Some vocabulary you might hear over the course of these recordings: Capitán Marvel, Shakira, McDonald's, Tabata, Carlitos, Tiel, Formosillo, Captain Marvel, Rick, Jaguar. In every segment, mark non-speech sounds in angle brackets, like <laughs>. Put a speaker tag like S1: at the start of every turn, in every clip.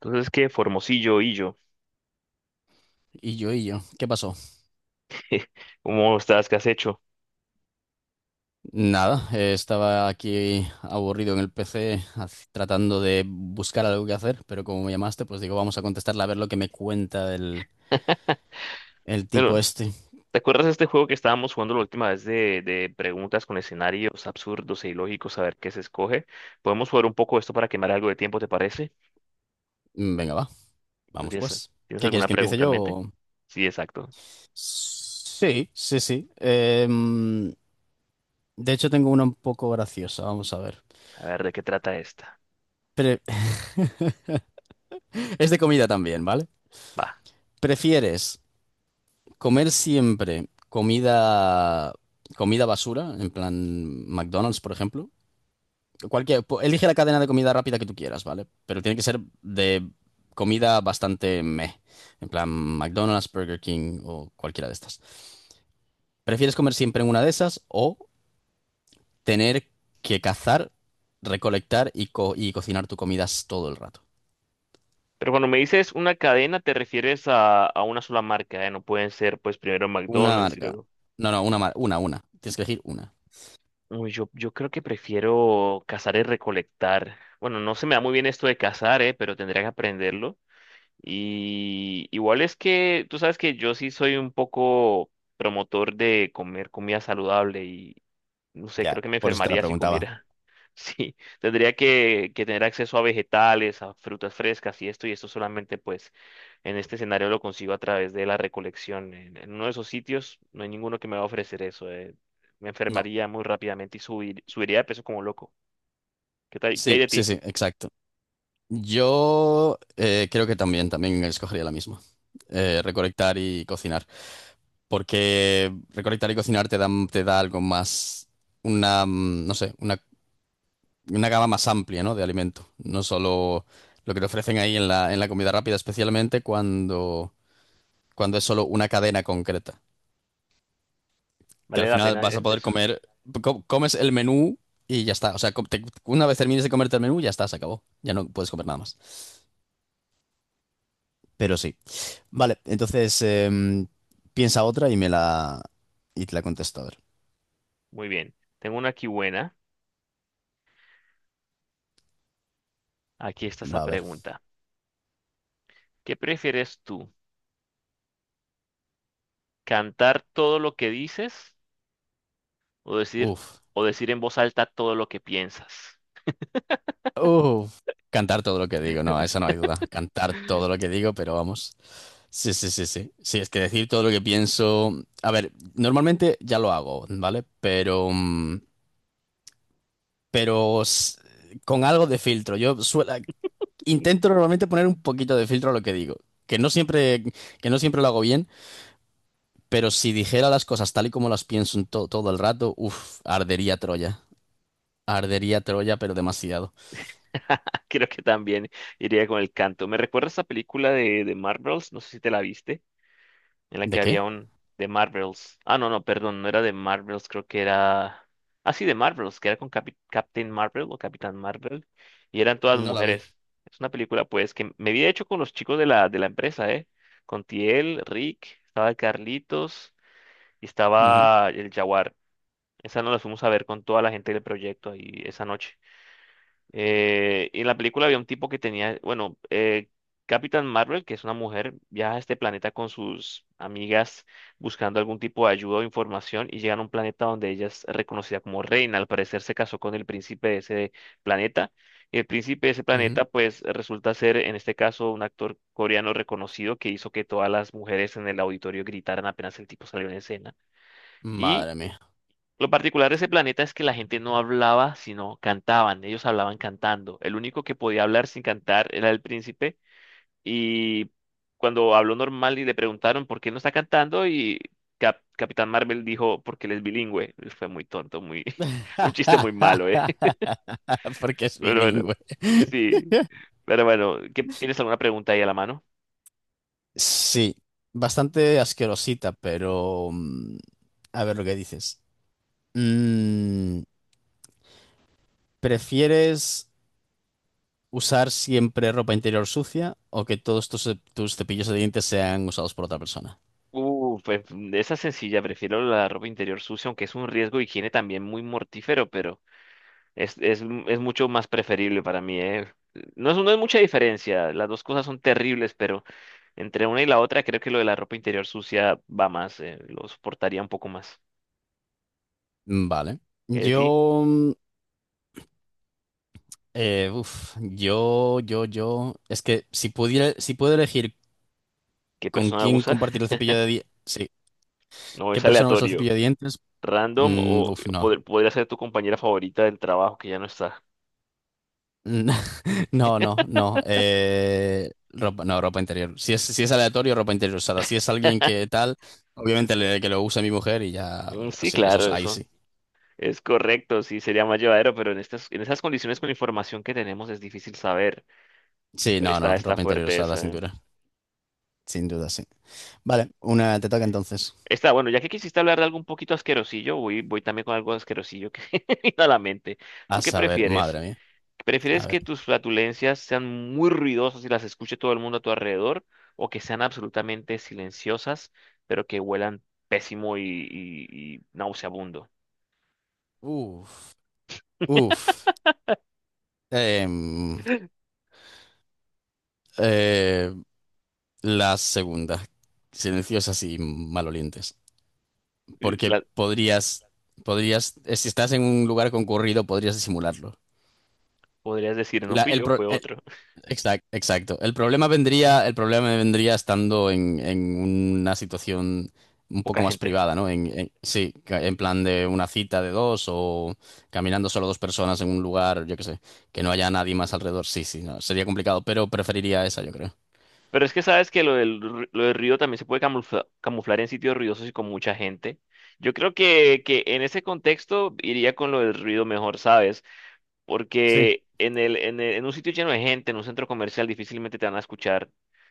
S1: Entonces, ¿qué? Formosillo, Illo,
S2: Y yo, ¿qué pasó?
S1: ¿cómo estás? ¿Qué has hecho?
S2: Nada, estaba aquí aburrido en el PC tratando de buscar algo que hacer, pero como me llamaste, pues digo, vamos a contestarle a ver lo que me cuenta
S1: <laughs>
S2: el tipo
S1: Bueno,
S2: este.
S1: ¿te acuerdas de este juego que estábamos jugando la última vez de preguntas con escenarios absurdos e ilógicos, a ver qué se escoge? Podemos jugar un poco esto para quemar algo de tiempo, ¿te parece?
S2: Venga, va,
S1: Bueno,
S2: vamos pues.
S1: tienes
S2: ¿Qué quieres
S1: alguna
S2: que empiece
S1: pregunta en
S2: yo?
S1: mente? Sí, exacto.
S2: Sí, sí, sí. De hecho, tengo una un poco graciosa, vamos a ver.
S1: A ver, ¿de qué trata esta?
S2: Pre- <laughs> es de comida también, ¿vale?
S1: Va.
S2: ¿Prefieres comer siempre comida, comida basura, en plan McDonald's, por ejemplo? Elige la cadena de comida rápida que tú quieras, ¿vale? Pero tiene que ser de comida bastante meh. En plan, McDonald's, Burger King o cualquiera de estas. ¿Prefieres comer siempre en una de esas o tener que cazar, recolectar y cocinar tu comida todo el rato?
S1: Pero cuando me dices una cadena, te refieres a una sola marca, ¿eh? No pueden ser, pues, primero
S2: Una
S1: McDonald's y
S2: marca.
S1: luego...
S2: No, no, una, una. Tienes que elegir una.
S1: Uy, yo creo que prefiero cazar y recolectar. Bueno, no se me da muy bien esto de cazar, pero tendría que aprenderlo. Y igual es que tú sabes que yo sí soy un poco promotor de comer comida saludable y no sé,
S2: Ya,
S1: creo que me
S2: por eso te la
S1: enfermaría si
S2: preguntaba.
S1: comiera. <laughs> Sí, tendría que tener acceso a vegetales, a frutas frescas y esto solamente pues en este escenario lo consigo a través de la recolección. En uno de esos sitios no hay ninguno que me va a ofrecer eso. Me
S2: No.
S1: enfermaría muy rápidamente y subiría de peso como loco. ¿Qué tal? ¿Qué hay
S2: Sí,
S1: de
S2: sí,
S1: ti?
S2: sí, exacto. Yo creo que también, también escogería la misma. Recolectar y cocinar. Porque recolectar y cocinar te da algo más, una, no sé, una gama más amplia, ¿no? De alimento, no solo lo que te ofrecen ahí en la comida rápida, especialmente cuando, cuando es solo una cadena concreta, que
S1: ¿Vale
S2: al
S1: la
S2: final
S1: pena
S2: vas a
S1: hacer
S2: poder
S1: eso?
S2: comer, comes el menú y ya está, o sea, una vez termines de comerte el menú, ya está, se acabó, ya no puedes comer nada más. Pero sí, vale, entonces piensa otra y me la, y te la contesto, a ver,
S1: Muy bien. Tengo una aquí buena. Aquí está esa
S2: va a ver,
S1: pregunta. ¿Qué prefieres tú? ¿Cantar todo lo que dices o decir
S2: uf.
S1: o decir en voz alta todo lo que piensas?
S2: Uh, Cantar todo lo que digo, no, eso no hay duda. Cantar todo lo que digo, pero vamos. Sí, sí, sí, sí. Sí, es que decir todo lo que pienso. A ver, normalmente ya lo hago, ¿vale? Pero, pero s- con algo de filtro. Yo suelo, intento normalmente poner un poquito de filtro a lo que digo. Que no siempre, que no siempre lo hago bien, pero si dijera las cosas tal y como las pienso en todo el rato, uff, ardería Troya. Ardería Troya, pero demasiado.
S1: <laughs> Creo que también iría con el canto. Me recuerda esa película de Marvels, no sé si te la viste. En la
S2: ¿De
S1: que
S2: qué?
S1: había un de Marvels. Ah, no, no, perdón, no era de Marvels, creo que era... Ah, sí, de Marvels, que era con Captain Marvel o Capitán Marvel, y eran todas
S2: No la vi.
S1: mujeres. Es una película, pues, que me había hecho con los chicos de la empresa, ¿eh? Con Tiel, Rick, estaba Carlitos y
S2: Ujú,
S1: estaba el Jaguar. Esa nos la fuimos a ver con toda la gente del proyecto ahí esa noche. Y en la película había un tipo que tenía, bueno, Capitán Marvel, que es una mujer, viaja a este planeta con sus amigas buscando algún tipo de ayuda o información y llegan a un planeta donde ella es reconocida como reina. Al parecer se casó con el príncipe de ese planeta. Y el príncipe de ese
S2: ujú.
S1: planeta, pues, resulta ser, en este caso, un actor coreano reconocido que hizo que todas las mujeres en el auditorio gritaran apenas el tipo salió en escena. Y
S2: Madre mía.
S1: lo particular de ese planeta es que la gente no hablaba, sino cantaban. Ellos hablaban cantando. El único que podía hablar sin cantar era el príncipe. Y cuando habló normal y le preguntaron por qué no está cantando, y Capitán Marvel dijo porque él es bilingüe. Fue muy tonto, muy <laughs> un chiste muy malo, ¿eh?
S2: <laughs>
S1: <laughs>
S2: Porque es
S1: Pero bueno,
S2: bilingüe.
S1: sí. Pero bueno, ¿tienes alguna pregunta ahí a la mano?
S2: Sí, bastante asquerosita, pero... A ver lo que dices. Mm, ¿Prefieres usar siempre ropa interior sucia o que todos tus, tus cepillos de dientes sean usados por otra persona?
S1: Pues de esa sencilla, prefiero la ropa interior sucia, aunque es un riesgo de higiene también muy mortífero, pero es mucho más preferible para mí, ¿eh? No es mucha diferencia, las dos cosas son terribles, pero entre una y la otra creo que lo de la ropa interior sucia va más, lo soportaría un poco más.
S2: Vale.
S1: ¿Qué de ti?
S2: Yo... uf, yo... Es que si pudiera, si puedo elegir
S1: ¿Qué
S2: con
S1: persona
S2: quién
S1: usa?
S2: compartir
S1: <laughs>
S2: el cepillo de dientes...
S1: No,
S2: ¿Qué
S1: es
S2: persona usa el
S1: aleatorio,
S2: cepillo de dientes?
S1: random o
S2: Uf, no.
S1: podría ser tu compañera favorita del trabajo que ya no está.
S2: Mm, <laughs> No, no, no. Ropa, no, ropa interior. Si es, si es aleatorio, ropa interior usada. Si es alguien que tal, obviamente que lo use mi mujer y ya.
S1: Mm, sí,
S2: Sí, eso
S1: claro,
S2: es ahí
S1: eso
S2: sí.
S1: es correcto, sí, sería más llevadero, pero en estas, en esas condiciones con la información que tenemos es difícil saber.
S2: Sí, no,
S1: Está,
S2: no.
S1: está
S2: Ropa interior
S1: fuerte
S2: usada,
S1: eso,
S2: sin
S1: ¿eh?
S2: duda. Sin duda, sí. Vale, una te toca entonces.
S1: Está bueno, ya que quisiste hablar de algo un poquito asquerosillo, voy también con algo asquerosillo que <laughs> me vino a la mente.
S2: A
S1: ¿Tú qué
S2: saber,
S1: prefieres?
S2: madre mía.
S1: ¿Prefieres
S2: A ver.
S1: que tus flatulencias sean muy ruidosas y las escuche todo el mundo a tu alrededor? ¿O que sean absolutamente silenciosas, pero que huelan pésimo y nauseabundo?
S2: Uf, uf. Em, eh, la segunda. Silenciosas y malolientes.
S1: <laughs>
S2: Porque
S1: la-
S2: podrías, podrías, si estás en un lugar concurrido, podrías disimularlo.
S1: Podrías decir, no
S2: La-
S1: fui
S2: el
S1: yo,
S2: pro-
S1: fue
S2: el-
S1: otro.
S2: exact- Exacto. El problema vendría estando en una situación un poco
S1: Poca
S2: más
S1: gente.
S2: privada, ¿no? Sí, en plan de una cita de dos o caminando solo dos personas en un lugar, yo qué sé, que no haya nadie más alrededor. Sí, sí, no, sería complicado, pero preferiría esa, yo creo.
S1: Pero es que sabes que lo del ruido también se puede camuflar en sitios ruidosos y con mucha gente. Yo creo que en ese contexto iría con lo del ruido mejor, ¿sabes?
S2: Sí.
S1: Porque en un sitio lleno de gente, en un centro comercial, difícilmente te van a escuchar.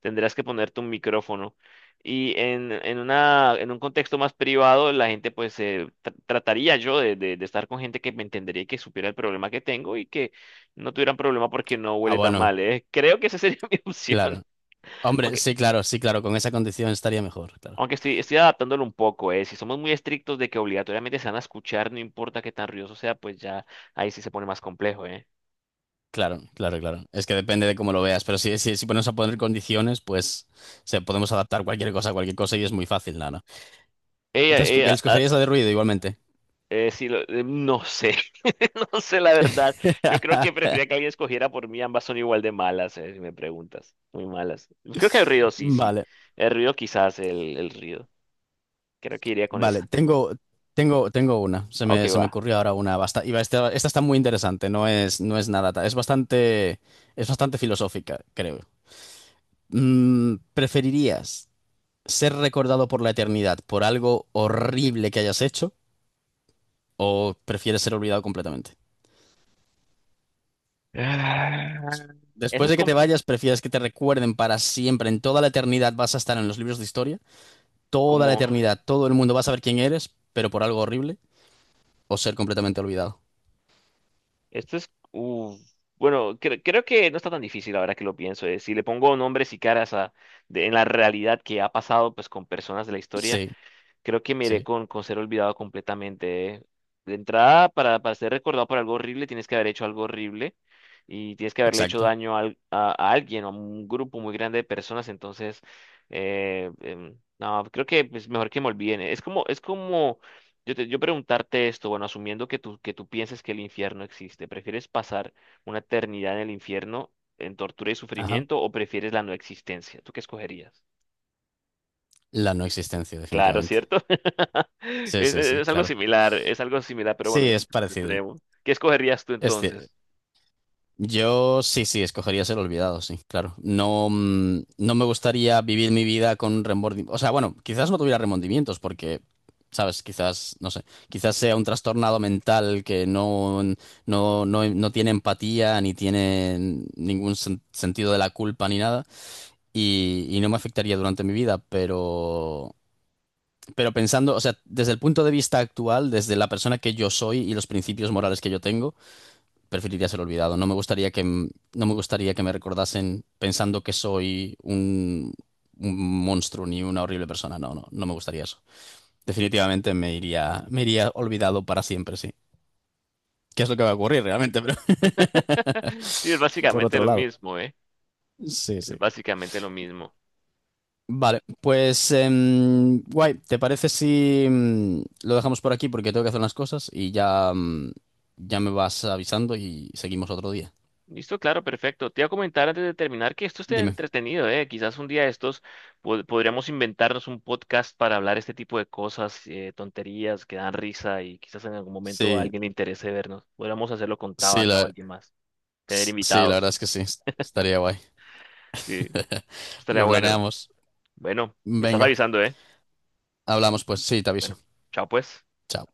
S1: Tendrás que ponerte un micrófono. Y en un contexto más privado, la gente, pues, trataría yo de estar con gente que me entendería y que supiera el problema que tengo y que no tuvieran problema porque no
S2: Ah,
S1: huele tan
S2: bueno,
S1: mal, ¿eh? Creo que esa sería <laughs> mi opción.
S2: claro. Hombre,
S1: aunque
S2: sí, claro, sí, claro, con esa condición estaría mejor, claro.
S1: Aunque estoy adaptándolo un poco, eh. Si somos muy estrictos de que obligatoriamente se van a escuchar, no importa qué tan ruidoso sea, pues ya ahí sí se pone más complejo, eh.
S2: Claro, claro, claro. Es que depende de cómo lo veas, pero si, si, si ponemos a poner condiciones, pues podemos adaptar cualquier cosa a cualquier cosa y es muy fácil, nada.
S1: Ella,
S2: Entonces, ¿qué
S1: ella, ah,
S2: escogerías la de ruido igualmente?
S1: sí, no sé, <laughs> no sé la verdad. Yo creo que
S2: <laughs>
S1: prefería que alguien escogiera por mí, ambas son igual de malas, si me preguntas. Muy malas. Creo que el ruido sí, sí.
S2: Vale,
S1: El ruido quizás, el ruido. Creo que iría con
S2: vale.
S1: esa. <laughs>
S2: Tengo, tengo, tengo una.
S1: Ok,
S2: Se me
S1: va.
S2: ocurrió ahora una. Esta, esta está muy interesante. No es, no es nada. Es bastante filosófica, creo. ¿Preferirías ser recordado por la eternidad por algo horrible que hayas hecho o prefieres ser olvidado completamente?
S1: Ah, esa
S2: Después
S1: es
S2: de que te vayas, prefieres que te recuerden para siempre. En toda la eternidad vas a estar en los libros de historia. Toda la
S1: como.
S2: eternidad. Todo el mundo va a saber quién eres, pero por algo horrible. O ser completamente olvidado.
S1: Esto es, uf, bueno, creo que no está tan difícil ahora que lo pienso. Eh. Si le pongo nombres y caras a en la realidad que ha pasado pues con personas de la historia.
S2: Sí,
S1: Creo que me iré
S2: sí,
S1: con ser olvidado completamente. ¿Eh? De entrada, para ser recordado por algo horrible, tienes que haber hecho algo horrible y tienes que haberle hecho
S2: exacto.
S1: daño a alguien o a un grupo muy grande de personas. Entonces, no, creo que es mejor que me olviden. Es como yo, yo preguntarte esto, bueno, asumiendo que tú pienses que el infierno existe, ¿prefieres pasar una eternidad en el infierno en tortura y
S2: Ajá.
S1: sufrimiento o prefieres la no existencia? ¿Tú qué escogerías?
S2: La no existencia,
S1: Claro,
S2: definitivamente.
S1: ¿cierto? <laughs>
S2: Sí, sí, sí, claro.
S1: Es algo similar, pero bueno,
S2: Sí,
S1: es
S2: es
S1: mucho más
S2: parecido.
S1: extremo. ¿Qué escogerías tú
S2: Es, ci-
S1: entonces?
S2: Yo sí, sí, escogería ser olvidado, sí, claro. No, no me gustaría vivir mi vida con remordimientos. O sea, bueno, quizás no tuviera remordimientos porque, ¿sabes? Quizás, no sé, quizás sea un trastornado mental que no, no, no, no tiene empatía ni tiene ningún sentido de la culpa ni nada y, y no me afectaría durante mi vida, pero... Pero pensando, o sea, desde el punto de vista actual, desde la persona que yo soy y los principios morales que yo tengo, preferiría ser olvidado. No me gustaría que, no me gustaría que me recordasen pensando que soy un monstruo ni una horrible persona. No, no, no me gustaría eso. Definitivamente me iría olvidado para siempre, sí. ¿Qué es lo que va a ocurrir realmente? <laughs> Pero
S1: <laughs> Sí, es
S2: por
S1: básicamente
S2: otro
S1: lo
S2: lado.
S1: mismo, ¿eh?
S2: Sí,
S1: Es
S2: sí.
S1: básicamente lo mismo.
S2: Vale, pues guay, ¿te parece si lo dejamos por aquí porque tengo que hacer unas cosas y ya, ya me vas avisando y seguimos otro día?
S1: Listo, claro, perfecto. Te iba a comentar antes de terminar que esto esté
S2: Dime.
S1: entretenido, ¿eh? Quizás un día de estos podríamos inventarnos un podcast para hablar este tipo de cosas, tonterías que dan risa y quizás en algún momento a
S2: Sí,
S1: alguien le interese vernos. Podríamos hacerlo con
S2: sí,
S1: Tabata o alguien más, tener
S2: sí, la
S1: invitados.
S2: verdad es que sí, estaría guay.
S1: Sí,
S2: <laughs>
S1: estaría
S2: Lo
S1: bueno.
S2: planeamos.
S1: Bueno, me estás
S2: Venga,
S1: avisando, ¿eh?
S2: hablamos pues. Sí, te aviso.
S1: Bueno, chao pues.
S2: Chao.